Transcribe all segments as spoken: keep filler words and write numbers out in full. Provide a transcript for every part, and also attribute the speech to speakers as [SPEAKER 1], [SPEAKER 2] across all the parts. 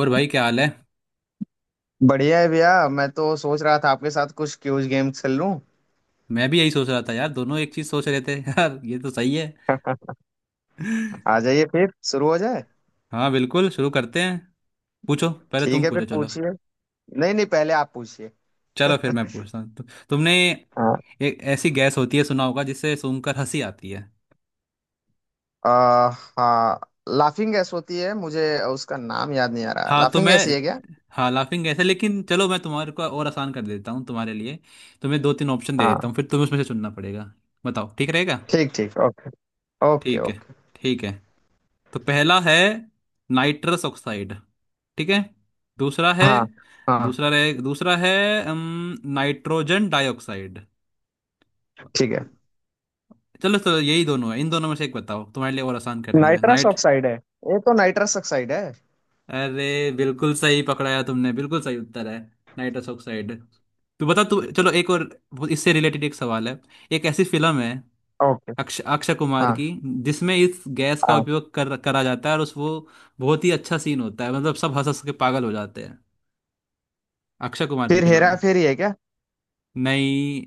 [SPEAKER 1] और भाई क्या हाल है।
[SPEAKER 2] बढ़िया है भैया। मैं तो सोच रहा था आपके साथ कुछ क्यूज गेम खेल लूं।
[SPEAKER 1] मैं भी यही सोच रहा था यार, दोनों एक चीज सोच रहे थे। यार ये तो सही है।
[SPEAKER 2] आ जाइए फिर शुरू हो जाए।
[SPEAKER 1] हाँ बिल्कुल शुरू करते हैं। पूछो, पहले तुम
[SPEAKER 2] ठीक है फिर
[SPEAKER 1] पूछो, चलो।
[SPEAKER 2] पूछिए। नहीं नहीं पहले आप पूछिए।
[SPEAKER 1] चलो फिर मैं पूछता हूँ, तु, तुमने,
[SPEAKER 2] हाँ।
[SPEAKER 1] एक ऐसी गैस होती है, सुना होगा, जिससे सूंघकर हंसी आती है।
[SPEAKER 2] आ, हाँ। लाफिंग गैस होती है मुझे। उसका नाम याद नहीं आ रहा।
[SPEAKER 1] हाँ तो
[SPEAKER 2] लाफिंग
[SPEAKER 1] मैं
[SPEAKER 2] गैस ही है क्या?
[SPEAKER 1] हाँ लाफिंग गैस है, लेकिन चलो मैं तुम्हारे को और आसान कर देता हूँ तुम्हारे लिए। तुम्हें दो तीन ऑप्शन दे देता
[SPEAKER 2] हाँ।
[SPEAKER 1] हूँ, फिर तुम्हें उसमें से चुनना पड़ेगा। बताओ, ठीक रहेगा।
[SPEAKER 2] ठीक ठीक ओके। ओके
[SPEAKER 1] ठीक है।
[SPEAKER 2] ओके।
[SPEAKER 1] ठीक है। तो पहला है नाइट्रस ऑक्साइड। ठीक है। दूसरा है,
[SPEAKER 2] हाँ हाँ।
[SPEAKER 1] दूसरा रहे दूसरा है अम, नाइट्रोजन डाइऑक्साइड।
[SPEAKER 2] ठीक है।
[SPEAKER 1] चलो चलो, यही दोनों है, इन दोनों में से एक बताओ, तुम्हारे लिए और आसान कर दिया,
[SPEAKER 2] नाइट्रस
[SPEAKER 1] नाइट।
[SPEAKER 2] ऑक्साइड है। ये तो नाइट्रस ऑक्साइड है।
[SPEAKER 1] अरे बिल्कुल सही पकड़ाया तुमने, बिल्कुल सही उत्तर है नाइट्रस ऑक्साइड। तू बता, तू, चलो एक और। वो इससे रिलेटेड एक सवाल है। एक ऐसी फिल्म है,
[SPEAKER 2] ओके।
[SPEAKER 1] अक्ष अक्षय कुमार
[SPEAKER 2] हाँ
[SPEAKER 1] की, जिसमें इस गैस का
[SPEAKER 2] हाँ।
[SPEAKER 1] उपयोग कर करा जाता है, और उस वो बहुत ही अच्छा सीन होता है, मतलब सब हंस हंस के पागल हो जाते हैं। अक्षय कुमार की
[SPEAKER 2] फिर
[SPEAKER 1] फिल्म
[SPEAKER 2] हेरा
[SPEAKER 1] है।
[SPEAKER 2] फेरी है क्या?
[SPEAKER 1] नहीं।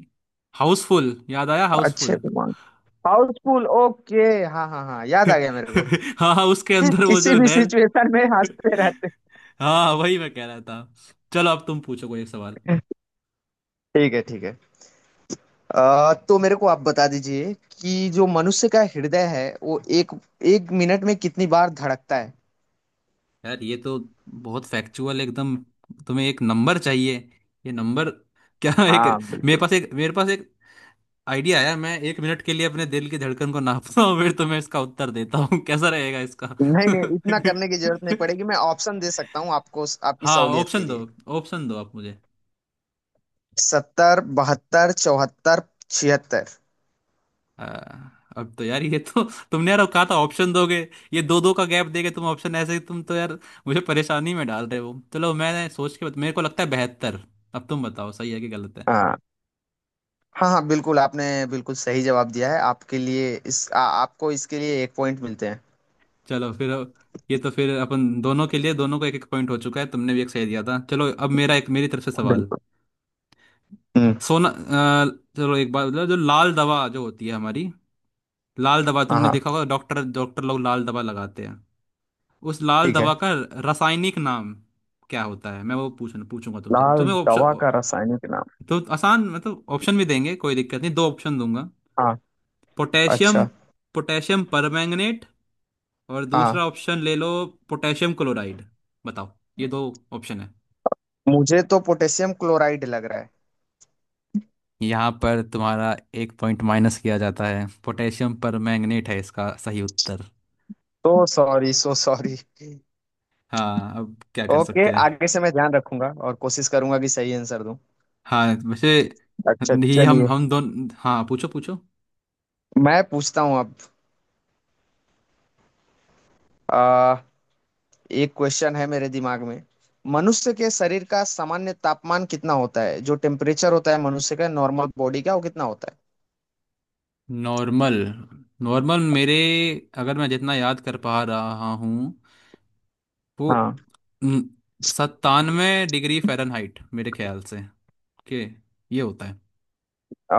[SPEAKER 1] हाउसफुल याद आया,
[SPEAKER 2] अच्छे
[SPEAKER 1] हाउसफुल।
[SPEAKER 2] कुमार। हाउसफुल ओके। हाँ हाँ हाँ याद आ गया मेरे को।
[SPEAKER 1] हाँ हाँ, उसके
[SPEAKER 2] जी,
[SPEAKER 1] अंदर वो
[SPEAKER 2] किसी
[SPEAKER 1] जो
[SPEAKER 2] भी
[SPEAKER 1] नैल।
[SPEAKER 2] सिचुएशन में हंसते रहते।
[SPEAKER 1] हाँ वही मैं कह रहा था। चलो अब तुम पूछो कोई एक सवाल।
[SPEAKER 2] ठीक है ठीक है। अ, तो मेरे को आप बता दीजिए कि जो मनुष्य का हृदय है वो एक एक मिनट में कितनी बार धड़कता है?
[SPEAKER 1] यार ये तो बहुत फैक्चुअल एकदम। तुम्हें एक नंबर चाहिए, ये नंबर? क्या। एक,
[SPEAKER 2] हाँ
[SPEAKER 1] मेरे
[SPEAKER 2] बिल्कुल।
[SPEAKER 1] पास एक मेरे पास एक आइडिया आया, मैं एक मिनट के लिए अपने दिल की धड़कन को नापता हूँ, फिर तुम्हें इसका उत्तर देता हूँ। कैसा रहेगा इसका?
[SPEAKER 2] नहीं नहीं इतना करने की जरूरत नहीं पड़ेगी। मैं ऑप्शन दे सकता हूँ आपको आपकी
[SPEAKER 1] हाँ
[SPEAKER 2] सहूलियत के
[SPEAKER 1] ऑप्शन दो,
[SPEAKER 2] लिए।
[SPEAKER 1] ऑप्शन दो आप मुझे।
[SPEAKER 2] सत्तर बहत्तर चौहत्तर छिहत्तर।
[SPEAKER 1] आ, अब तो यार ये तो तुमने यार, कहा था ऑप्शन दोगे, ये दो दो का गैप देके तुम ऑप्शन, ऐसे ही तुम, तो यार मुझे परेशानी में डाल रहे हो। चलो मैं सोच के, मेरे को लगता है बेहतर। अब तुम बताओ सही है कि गलत।
[SPEAKER 2] हाँ हाँ। हाँ बिल्कुल आपने बिल्कुल सही जवाब दिया है। आपके लिए इस आ, आपको इसके लिए एक पॉइंट मिलते हैं।
[SPEAKER 1] चलो फिर, ये तो फिर अपन दोनों के लिए, दोनों को एक एक पॉइंट हो चुका है, तुमने भी एक सही दिया था। चलो अब मेरा एक, मेरी तरफ से सवाल।
[SPEAKER 2] बिल्कुल। हम्म।
[SPEAKER 1] सोना, अ, चलो एक बात बताओ, जो लाल दवा जो होती है हमारी, लाल दवा
[SPEAKER 2] हाँ
[SPEAKER 1] तुमने
[SPEAKER 2] हाँ।
[SPEAKER 1] देखा होगा, डॉक्टर डॉक्टर लोग लाल दवा लगाते हैं। उस लाल
[SPEAKER 2] ठीक
[SPEAKER 1] दवा
[SPEAKER 2] है।
[SPEAKER 1] का रासायनिक नाम क्या होता है, मैं वो पूछना पूछूंगा तुमसे,
[SPEAKER 2] लाल
[SPEAKER 1] तुम्हें
[SPEAKER 2] दवा
[SPEAKER 1] ऑप्शन
[SPEAKER 2] का रासायनिक नाम।
[SPEAKER 1] तो आसान, मतलब ऑप्शन भी देंगे, कोई दिक्कत नहीं, दो ऑप्शन दूंगा।
[SPEAKER 2] हाँ।
[SPEAKER 1] पोटेशियम
[SPEAKER 2] अच्छा।
[SPEAKER 1] पोटेशियम परमैंगनेट, और
[SPEAKER 2] हाँ।
[SPEAKER 1] दूसरा ऑप्शन ले लो, पोटेशियम क्लोराइड। बताओ, ये दो ऑप्शन है।
[SPEAKER 2] मुझे तो पोटेशियम क्लोराइड लग रहा है।
[SPEAKER 1] यहाँ पर तुम्हारा एक पॉइंट माइनस किया जाता है, पोटेशियम परमैंगनेट है इसका सही उत्तर।
[SPEAKER 2] तो सॉरी, सो सॉरी।
[SPEAKER 1] हाँ अब क्या कर
[SPEAKER 2] ओके
[SPEAKER 1] सकते हैं।
[SPEAKER 2] आगे से मैं ध्यान रखूंगा और कोशिश करूंगा कि सही आंसर दूं।
[SPEAKER 1] हाँ वैसे,
[SPEAKER 2] अच्छा
[SPEAKER 1] नहीं, हम
[SPEAKER 2] चलिए।
[SPEAKER 1] हम दोनों, हाँ पूछो पूछो।
[SPEAKER 2] मैं पूछता हूं अब। आ, एक क्वेश्चन है मेरे दिमाग में। मनुष्य के शरीर का सामान्य तापमान कितना होता है? जो टेम्परेचर होता है मनुष्य का नॉर्मल बॉडी का वो कितना होता है?
[SPEAKER 1] नॉर्मल, नॉर्मल मेरे अगर मैं जितना याद कर पा रहा हूँ, वो
[SPEAKER 2] हाँ।
[SPEAKER 1] सत्तानवे डिग्री फ़ारेनहाइट मेरे ख्याल से के ये होता है।
[SPEAKER 2] आ,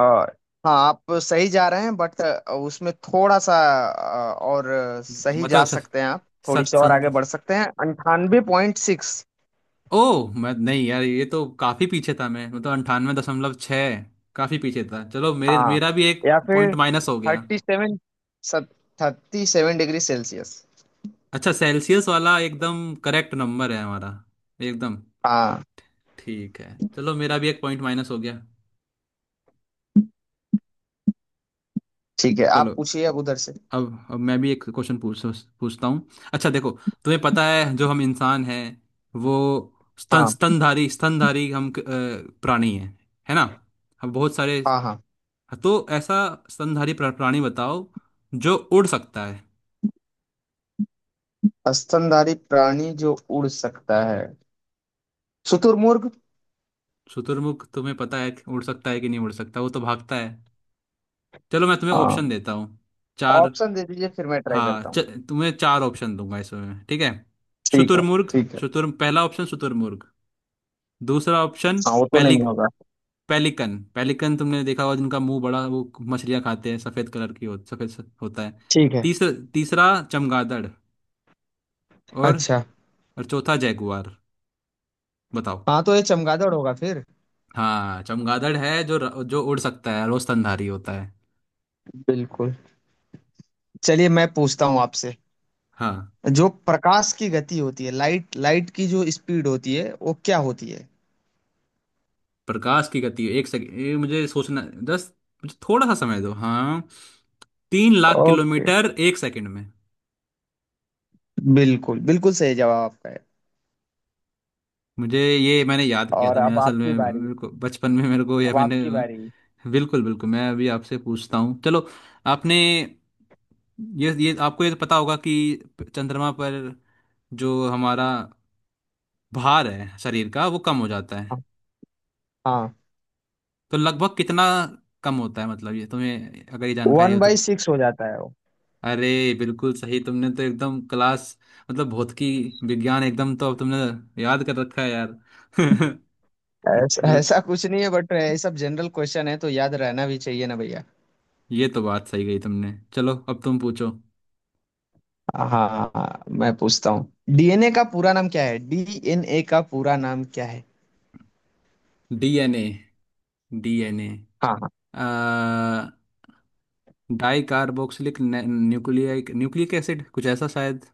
[SPEAKER 2] हाँ आप सही जा रहे हैं बट उसमें थोड़ा सा आ, और सही जा
[SPEAKER 1] मतलब
[SPEAKER 2] सकते हैं। आप थोड़ी
[SPEAKER 1] सत
[SPEAKER 2] सी और आगे बढ़
[SPEAKER 1] सत,
[SPEAKER 2] सकते हैं अंठानवे पॉइंट सिक्स।
[SPEAKER 1] ओह, मैं नहीं यार, ये तो काफी पीछे था मैं, मतलब अंठानवे दशमलव छः, काफी पीछे था। चलो मेरे
[SPEAKER 2] हाँ
[SPEAKER 1] मेरा भी एक
[SPEAKER 2] या
[SPEAKER 1] पॉइंट
[SPEAKER 2] फिर
[SPEAKER 1] माइनस हो गया।
[SPEAKER 2] Thirty seven, thirty seven degree Celsius.
[SPEAKER 1] अच्छा सेल्सियस वाला एकदम करेक्ट नंबर है हमारा, एकदम।
[SPEAKER 2] हाँ।
[SPEAKER 1] ठीक है, चलो मेरा भी एक पॉइंट माइनस हो गया।
[SPEAKER 2] ठीक है
[SPEAKER 1] चलो,
[SPEAKER 2] आप पूछिए अब उधर से।
[SPEAKER 1] अब अब मैं भी एक क्वेश्चन पूछ पूछता हूँ। अच्छा देखो, तुम्हें पता है जो हम इंसान हैं वो स्तन
[SPEAKER 2] हाँ
[SPEAKER 1] स्तनधारी स्तनधारी हम, अ, प्राणी हैं, है ना। हम बहुत सारे,
[SPEAKER 2] हाँ। हाँ।
[SPEAKER 1] तो ऐसा स्तनधारी प्रा- प्राणी बताओ जो उड़ सकता है।
[SPEAKER 2] स्तनधारी प्राणी जो उड़ सकता है शुतुरमुर्ग।
[SPEAKER 1] शुतुरमुर्ग? तुम्हें पता है कि उड़ सकता है कि नहीं उड़ सकता, वो तो भागता है। चलो मैं तुम्हें ऑप्शन
[SPEAKER 2] हाँ।
[SPEAKER 1] देता हूँ, चार।
[SPEAKER 2] ऑप्शन दे दीजिए फिर मैं ट्राई
[SPEAKER 1] हाँ,
[SPEAKER 2] करता
[SPEAKER 1] च,
[SPEAKER 2] हूँ।
[SPEAKER 1] तुम्हें चार ऑप्शन दूंगा इसमें, ठीक है।
[SPEAKER 2] ठीक है।
[SPEAKER 1] शुतुरमुर्ग,
[SPEAKER 2] ठीक है।
[SPEAKER 1] शुतुर पहला ऑप्शन शुतुरमुर्ग। दूसरा ऑप्शन,
[SPEAKER 2] हाँ वो तो
[SPEAKER 1] पेलिक
[SPEAKER 2] नहीं होगा।
[SPEAKER 1] पेलिकन, पेलिकन तुमने देखा होगा, जिनका मुंह बड़ा, वो मछलियां खाते हैं, सफेद कलर की हो, सफेद स- होता है।
[SPEAKER 2] ठीक है।
[SPEAKER 1] तीसरा तीसरा चमगादड़, और
[SPEAKER 2] अच्छा।
[SPEAKER 1] और चौथा जैगुआर। बताओ।
[SPEAKER 2] हाँ तो ये चमगादड़ होगा फिर।
[SPEAKER 1] हाँ चमगादड़ है जो र- जो उड़ सकता है, रोज स्तनधारी होता है।
[SPEAKER 2] बिल्कुल। चलिए मैं पूछता हूँ आपसे।
[SPEAKER 1] हाँ,
[SPEAKER 2] जो प्रकाश की गति होती है, लाइट लाइट की जो स्पीड होती है वो क्या होती है?
[SPEAKER 1] प्रकाश की गति एक सेकंड, ये मुझे सोचना। दस, मुझे थोड़ा सा समय दो। हाँ, तीन लाख
[SPEAKER 2] ओके।
[SPEAKER 1] किलोमीटर एक सेकंड में।
[SPEAKER 2] बिल्कुल बिल्कुल सही जवाब आपका है।
[SPEAKER 1] मुझे ये मैंने याद किया
[SPEAKER 2] और
[SPEAKER 1] था, मैंने
[SPEAKER 2] अब
[SPEAKER 1] असल
[SPEAKER 2] आपकी
[SPEAKER 1] में
[SPEAKER 2] बारी।
[SPEAKER 1] मेरे को बचपन में मेरे को, या
[SPEAKER 2] अब
[SPEAKER 1] मैंने।
[SPEAKER 2] आपकी बारी।
[SPEAKER 1] बिल्कुल बिल्कुल, मैं अभी आपसे पूछता हूँ, चलो। आपने, ये ये आपको ये तो पता होगा कि चंद्रमा पर जो हमारा भार है शरीर का, वो कम हो जाता है।
[SPEAKER 2] हाँ।
[SPEAKER 1] तो लगभग कितना कम होता है, मतलब ये तुम्हें अगर ये जानकारी
[SPEAKER 2] वन
[SPEAKER 1] हो तो।
[SPEAKER 2] बाई सिक्स हो जाता है वो।
[SPEAKER 1] अरे बिल्कुल सही तुमने, तो एकदम क्लास, मतलब भौतिकी विज्ञान एकदम, तो अब तुमने याद कर रखा है यार।
[SPEAKER 2] ऐसा
[SPEAKER 1] बिल्कुल।
[SPEAKER 2] ऐसा कुछ नहीं है बट ये सब जनरल क्वेश्चन है तो याद रहना भी चाहिए ना भैया।
[SPEAKER 1] ये तो बात सही गई तुमने, चलो अब तुम पूछो।
[SPEAKER 2] हाँ हाँ। हाँ, मैं पूछता हूँ डी एन ए का पूरा नाम क्या है? डी एन ए का पूरा नाम क्या
[SPEAKER 1] डीएनए, डीएनए
[SPEAKER 2] है?
[SPEAKER 1] आ di carboxylic nucleic nucleic acid, कुछ ऐसा शायद।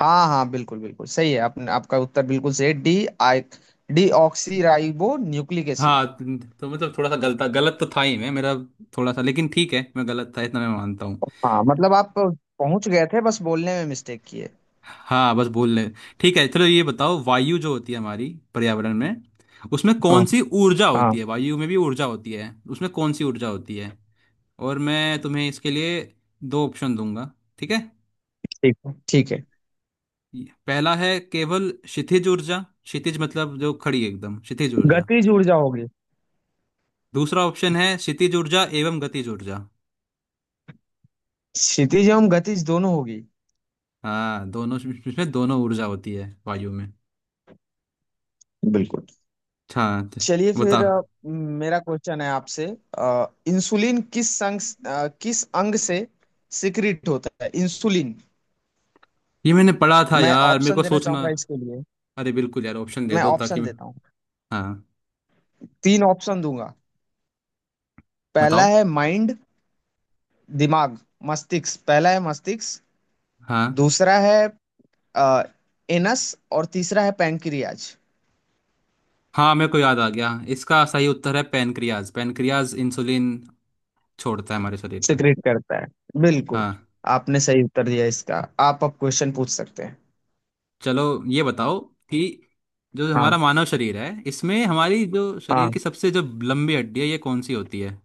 [SPEAKER 2] हाँ हाँ बिल्कुल बिल्कुल सही है आपने। आपका उत्तर बिल्कुल सही है। D I D oxy ribo nucleic acid.
[SPEAKER 1] हाँ तो मतलब थोड़ा सा गलता गलत तो था ही, मैं मेरा थोड़ा सा, लेकिन ठीक है, मैं गलत था इतना मैं मानता।
[SPEAKER 2] हाँ मतलब आप पहुंच गए थे बस बोलने में मिस्टेक की है।
[SPEAKER 1] हाँ बस बोल ले। ठीक है, चलो ये बताओ, वायु जो होती है हमारी पर्यावरण में, उसमें कौन
[SPEAKER 2] हाँ
[SPEAKER 1] सी ऊर्जा
[SPEAKER 2] हाँ।
[SPEAKER 1] होती है, वायु में भी ऊर्जा होती है, उसमें कौन सी ऊर्जा होती है, और मैं तुम्हें इसके लिए दो ऑप्शन दूंगा, ठीक है।
[SPEAKER 2] ठीक है। ठीक है।
[SPEAKER 1] पहला है केवल क्षितिज ऊर्जा, क्षितिज मतलब जो खड़ी है एकदम, क्षितिज ऊर्जा।
[SPEAKER 2] गतिज ऊर्जा होगी।
[SPEAKER 1] दूसरा ऑप्शन है क्षितिज ऊर्जा एवं गतिज ऊर्जा।
[SPEAKER 2] क्षितिज एवं गतिज दोनों होगी।
[SPEAKER 1] हाँ दोनों। इसमें दोनों ऊर्जा होती है वायु में।
[SPEAKER 2] बिल्कुल।
[SPEAKER 1] अच्छा,
[SPEAKER 2] चलिए
[SPEAKER 1] तो
[SPEAKER 2] फिर
[SPEAKER 1] बताओ।
[SPEAKER 2] अ, मेरा क्वेश्चन है आपसे। अ, इंसुलिन किस अंग अ, किस अंग से सिक्रिट होता है इंसुलिन?
[SPEAKER 1] ये मैंने पढ़ा था
[SPEAKER 2] मैं
[SPEAKER 1] यार, मेरे
[SPEAKER 2] ऑप्शन
[SPEAKER 1] को
[SPEAKER 2] देना
[SPEAKER 1] सोचना।
[SPEAKER 2] चाहूंगा इसके लिए।
[SPEAKER 1] अरे बिल्कुल यार, ऑप्शन दे
[SPEAKER 2] मैं
[SPEAKER 1] दो ताकि
[SPEAKER 2] ऑप्शन
[SPEAKER 1] मैं।
[SPEAKER 2] देता हूँ।
[SPEAKER 1] हाँ,
[SPEAKER 2] तीन ऑप्शन दूंगा। पहला
[SPEAKER 1] बताओ।
[SPEAKER 2] है माइंड दिमाग मस्तिष्क। पहला है मस्तिष्क।
[SPEAKER 1] हाँ
[SPEAKER 2] दूसरा है आ, एनस। और तीसरा है पैंक्रियाज।
[SPEAKER 1] हाँ मेरे को याद आ गया, इसका सही उत्तर है पैनक्रियाज, पैनक्रियाज इंसुलिन छोड़ता है हमारे शरीर में।
[SPEAKER 2] सिक्रेट करता है। बिल्कुल।
[SPEAKER 1] हाँ।
[SPEAKER 2] आपने सही उत्तर दिया इसका। आप अब क्वेश्चन पूछ सकते हैं।
[SPEAKER 1] चलो ये बताओ, कि जो
[SPEAKER 2] हाँ
[SPEAKER 1] हमारा मानव शरीर है, इसमें हमारी जो शरीर
[SPEAKER 2] हाँ।
[SPEAKER 1] की सबसे जो लंबी हड्डी है, ये कौन सी होती है।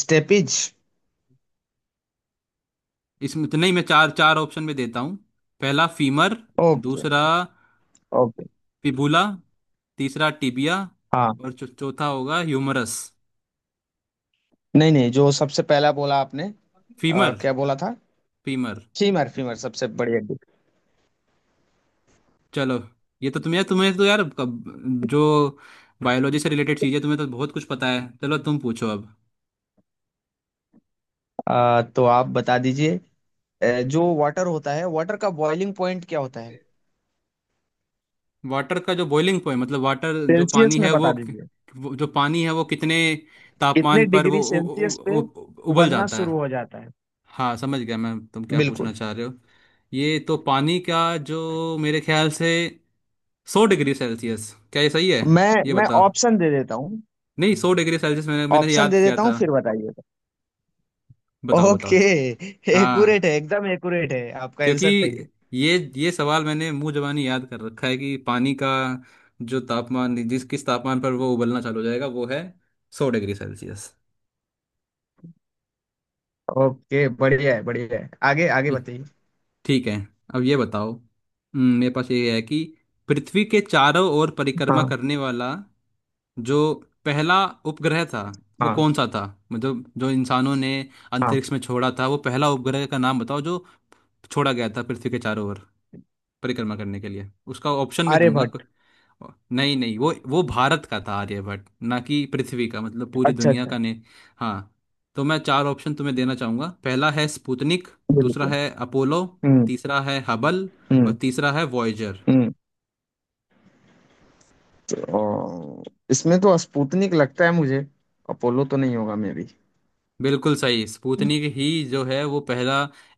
[SPEAKER 2] स्टेपिज।
[SPEAKER 1] इसमें तो नहीं, मैं चार चार ऑप्शन में देता हूँ। पहला फीमर,
[SPEAKER 2] ओके।
[SPEAKER 1] दूसरा
[SPEAKER 2] ओके।
[SPEAKER 1] फिबुला, तीसरा टिबिया,
[SPEAKER 2] हाँ।
[SPEAKER 1] और चौ- चौथा होगा ह्यूमरस।
[SPEAKER 2] नहीं नहीं जो सबसे पहला बोला आपने। आ,
[SPEAKER 1] फीमर
[SPEAKER 2] क्या बोला था?
[SPEAKER 1] Femur,
[SPEAKER 2] femur. फीमर सबसे बड़ी हड्डी।
[SPEAKER 1] चलो, ये तो तुम यार, तुम्हें तो यार कब जो बायोलॉजी से रिलेटेड चीज़ें, तुम्हें तो बहुत कुछ पता है, चलो तुम पूछो अब।
[SPEAKER 2] आ, तो आप बता दीजिए अ, जो वाटर होता है वाटर का बॉइलिंग पॉइंट क्या होता है?
[SPEAKER 1] वाटर का जो बॉइलिंग पॉइंट, मतलब वाटर जो पानी
[SPEAKER 2] सेल्सियस में
[SPEAKER 1] है वो,
[SPEAKER 2] बता दीजिए।
[SPEAKER 1] वो- जो पानी है वो कितने तापमान
[SPEAKER 2] कितने
[SPEAKER 1] पर वो
[SPEAKER 2] डिग्री
[SPEAKER 1] उ,
[SPEAKER 2] सेल्सियस
[SPEAKER 1] उ,
[SPEAKER 2] पे
[SPEAKER 1] उ, उ, उबल
[SPEAKER 2] उबलना
[SPEAKER 1] जाता है।
[SPEAKER 2] शुरू हो जाता है?
[SPEAKER 1] हाँ समझ गया मैं, तुम क्या पूछना
[SPEAKER 2] बिल्कुल।
[SPEAKER 1] चाह रहे हो। ये तो पानी का जो, मेरे ख्याल से सौ डिग्री सेल्सियस, क्या ये सही है?
[SPEAKER 2] मैं
[SPEAKER 1] ये
[SPEAKER 2] मैं
[SPEAKER 1] बताओ,
[SPEAKER 2] ऑप्शन दे देता हूँ।
[SPEAKER 1] नहीं सौ डिग्री सेल्सियस मैंने मैंने
[SPEAKER 2] ऑप्शन
[SPEAKER 1] याद
[SPEAKER 2] दे
[SPEAKER 1] किया
[SPEAKER 2] देता
[SPEAKER 1] था।
[SPEAKER 2] हूँ फिर बताइएगा।
[SPEAKER 1] बताओ, बताओ।
[SPEAKER 2] ओके। एक्यूरेट
[SPEAKER 1] हाँ,
[SPEAKER 2] है एकदम एक्यूरेट है। आपका
[SPEAKER 1] क्योंकि
[SPEAKER 2] आंसर सही है।
[SPEAKER 1] ये ये सवाल मैंने मुंह जबानी याद कर रखा है कि पानी का जो तापमान, जिस किस तापमान पर वो उबलना चालू हो जाएगा, वो है सौ डिग्री सेल्सियस।
[SPEAKER 2] ओके बढ़िया है बढ़िया है आगे आगे बताइए।
[SPEAKER 1] ठीक है, अब ये बताओ, हम्म, मेरे पास ये है कि, पृथ्वी के चारों ओर परिक्रमा
[SPEAKER 2] हाँ
[SPEAKER 1] करने वाला जो पहला उपग्रह था, वो
[SPEAKER 2] हाँ
[SPEAKER 1] कौन सा था, मतलब जो इंसानों ने
[SPEAKER 2] हाँ।
[SPEAKER 1] अंतरिक्ष में छोड़ा था, वो पहला उपग्रह का नाम बताओ जो छोड़ा गया था पृथ्वी के चारों ओर परिक्रमा करने के लिए, उसका ऑप्शन भी दूंगा,
[SPEAKER 2] आर्यभट्ट।
[SPEAKER 1] क- नहीं नहीं, वो वो भारत का था आर्यभट्ट, ना कि पृथ्वी का, मतलब पूरी
[SPEAKER 2] अच्छा
[SPEAKER 1] दुनिया
[SPEAKER 2] अच्छा।
[SPEAKER 1] का नहीं। हाँ तो मैं चार ऑप्शन तुम्हें देना चाहूंगा, पहला है स्पुतनिक, दूसरा
[SPEAKER 2] बिल्कुल।
[SPEAKER 1] है अपोलो,
[SPEAKER 2] हम्म
[SPEAKER 1] तीसरा है हबल, और
[SPEAKER 2] हम्म
[SPEAKER 1] तीसरा है वॉयजर।
[SPEAKER 2] हम्म। तो, इसमें तो स्पुतनिक लगता है मुझे। अपोलो तो नहीं होगा मे भी।
[SPEAKER 1] बिल्कुल सही, स्पुतनिक ही जो है वो पहला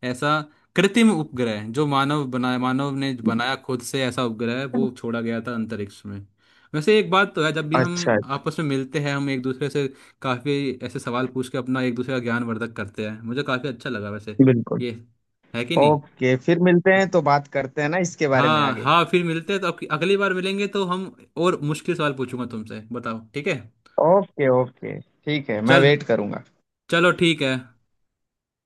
[SPEAKER 1] ऐसा कृत्रिम उपग्रह है, जो मानव बनाया, मानव ने बनाया खुद से, ऐसा उपग्रह वो छोड़ा गया था अंतरिक्ष में। वैसे एक बात तो है, जब भी
[SPEAKER 2] अच्छा
[SPEAKER 1] हम
[SPEAKER 2] अच्छा।
[SPEAKER 1] आपस में मिलते हैं, हम एक दूसरे से काफी ऐसे सवाल पूछ के अपना एक दूसरे का ज्ञानवर्धक करते हैं, मुझे काफी अच्छा लगा वैसे।
[SPEAKER 2] बिल्कुल।
[SPEAKER 1] ये है कि नहीं।
[SPEAKER 2] ओके फिर मिलते हैं तो बात करते हैं ना इसके बारे में
[SPEAKER 1] हाँ
[SPEAKER 2] आगे।
[SPEAKER 1] हाँ, फिर मिलते हैं तो, अब अगली बार मिलेंगे तो हम और मुश्किल सवाल पूछूंगा तुमसे, बताओ ठीक है।
[SPEAKER 2] ओके ओके ठीक है मैं
[SPEAKER 1] चल
[SPEAKER 2] वेट करूंगा।
[SPEAKER 1] चलो ठीक है।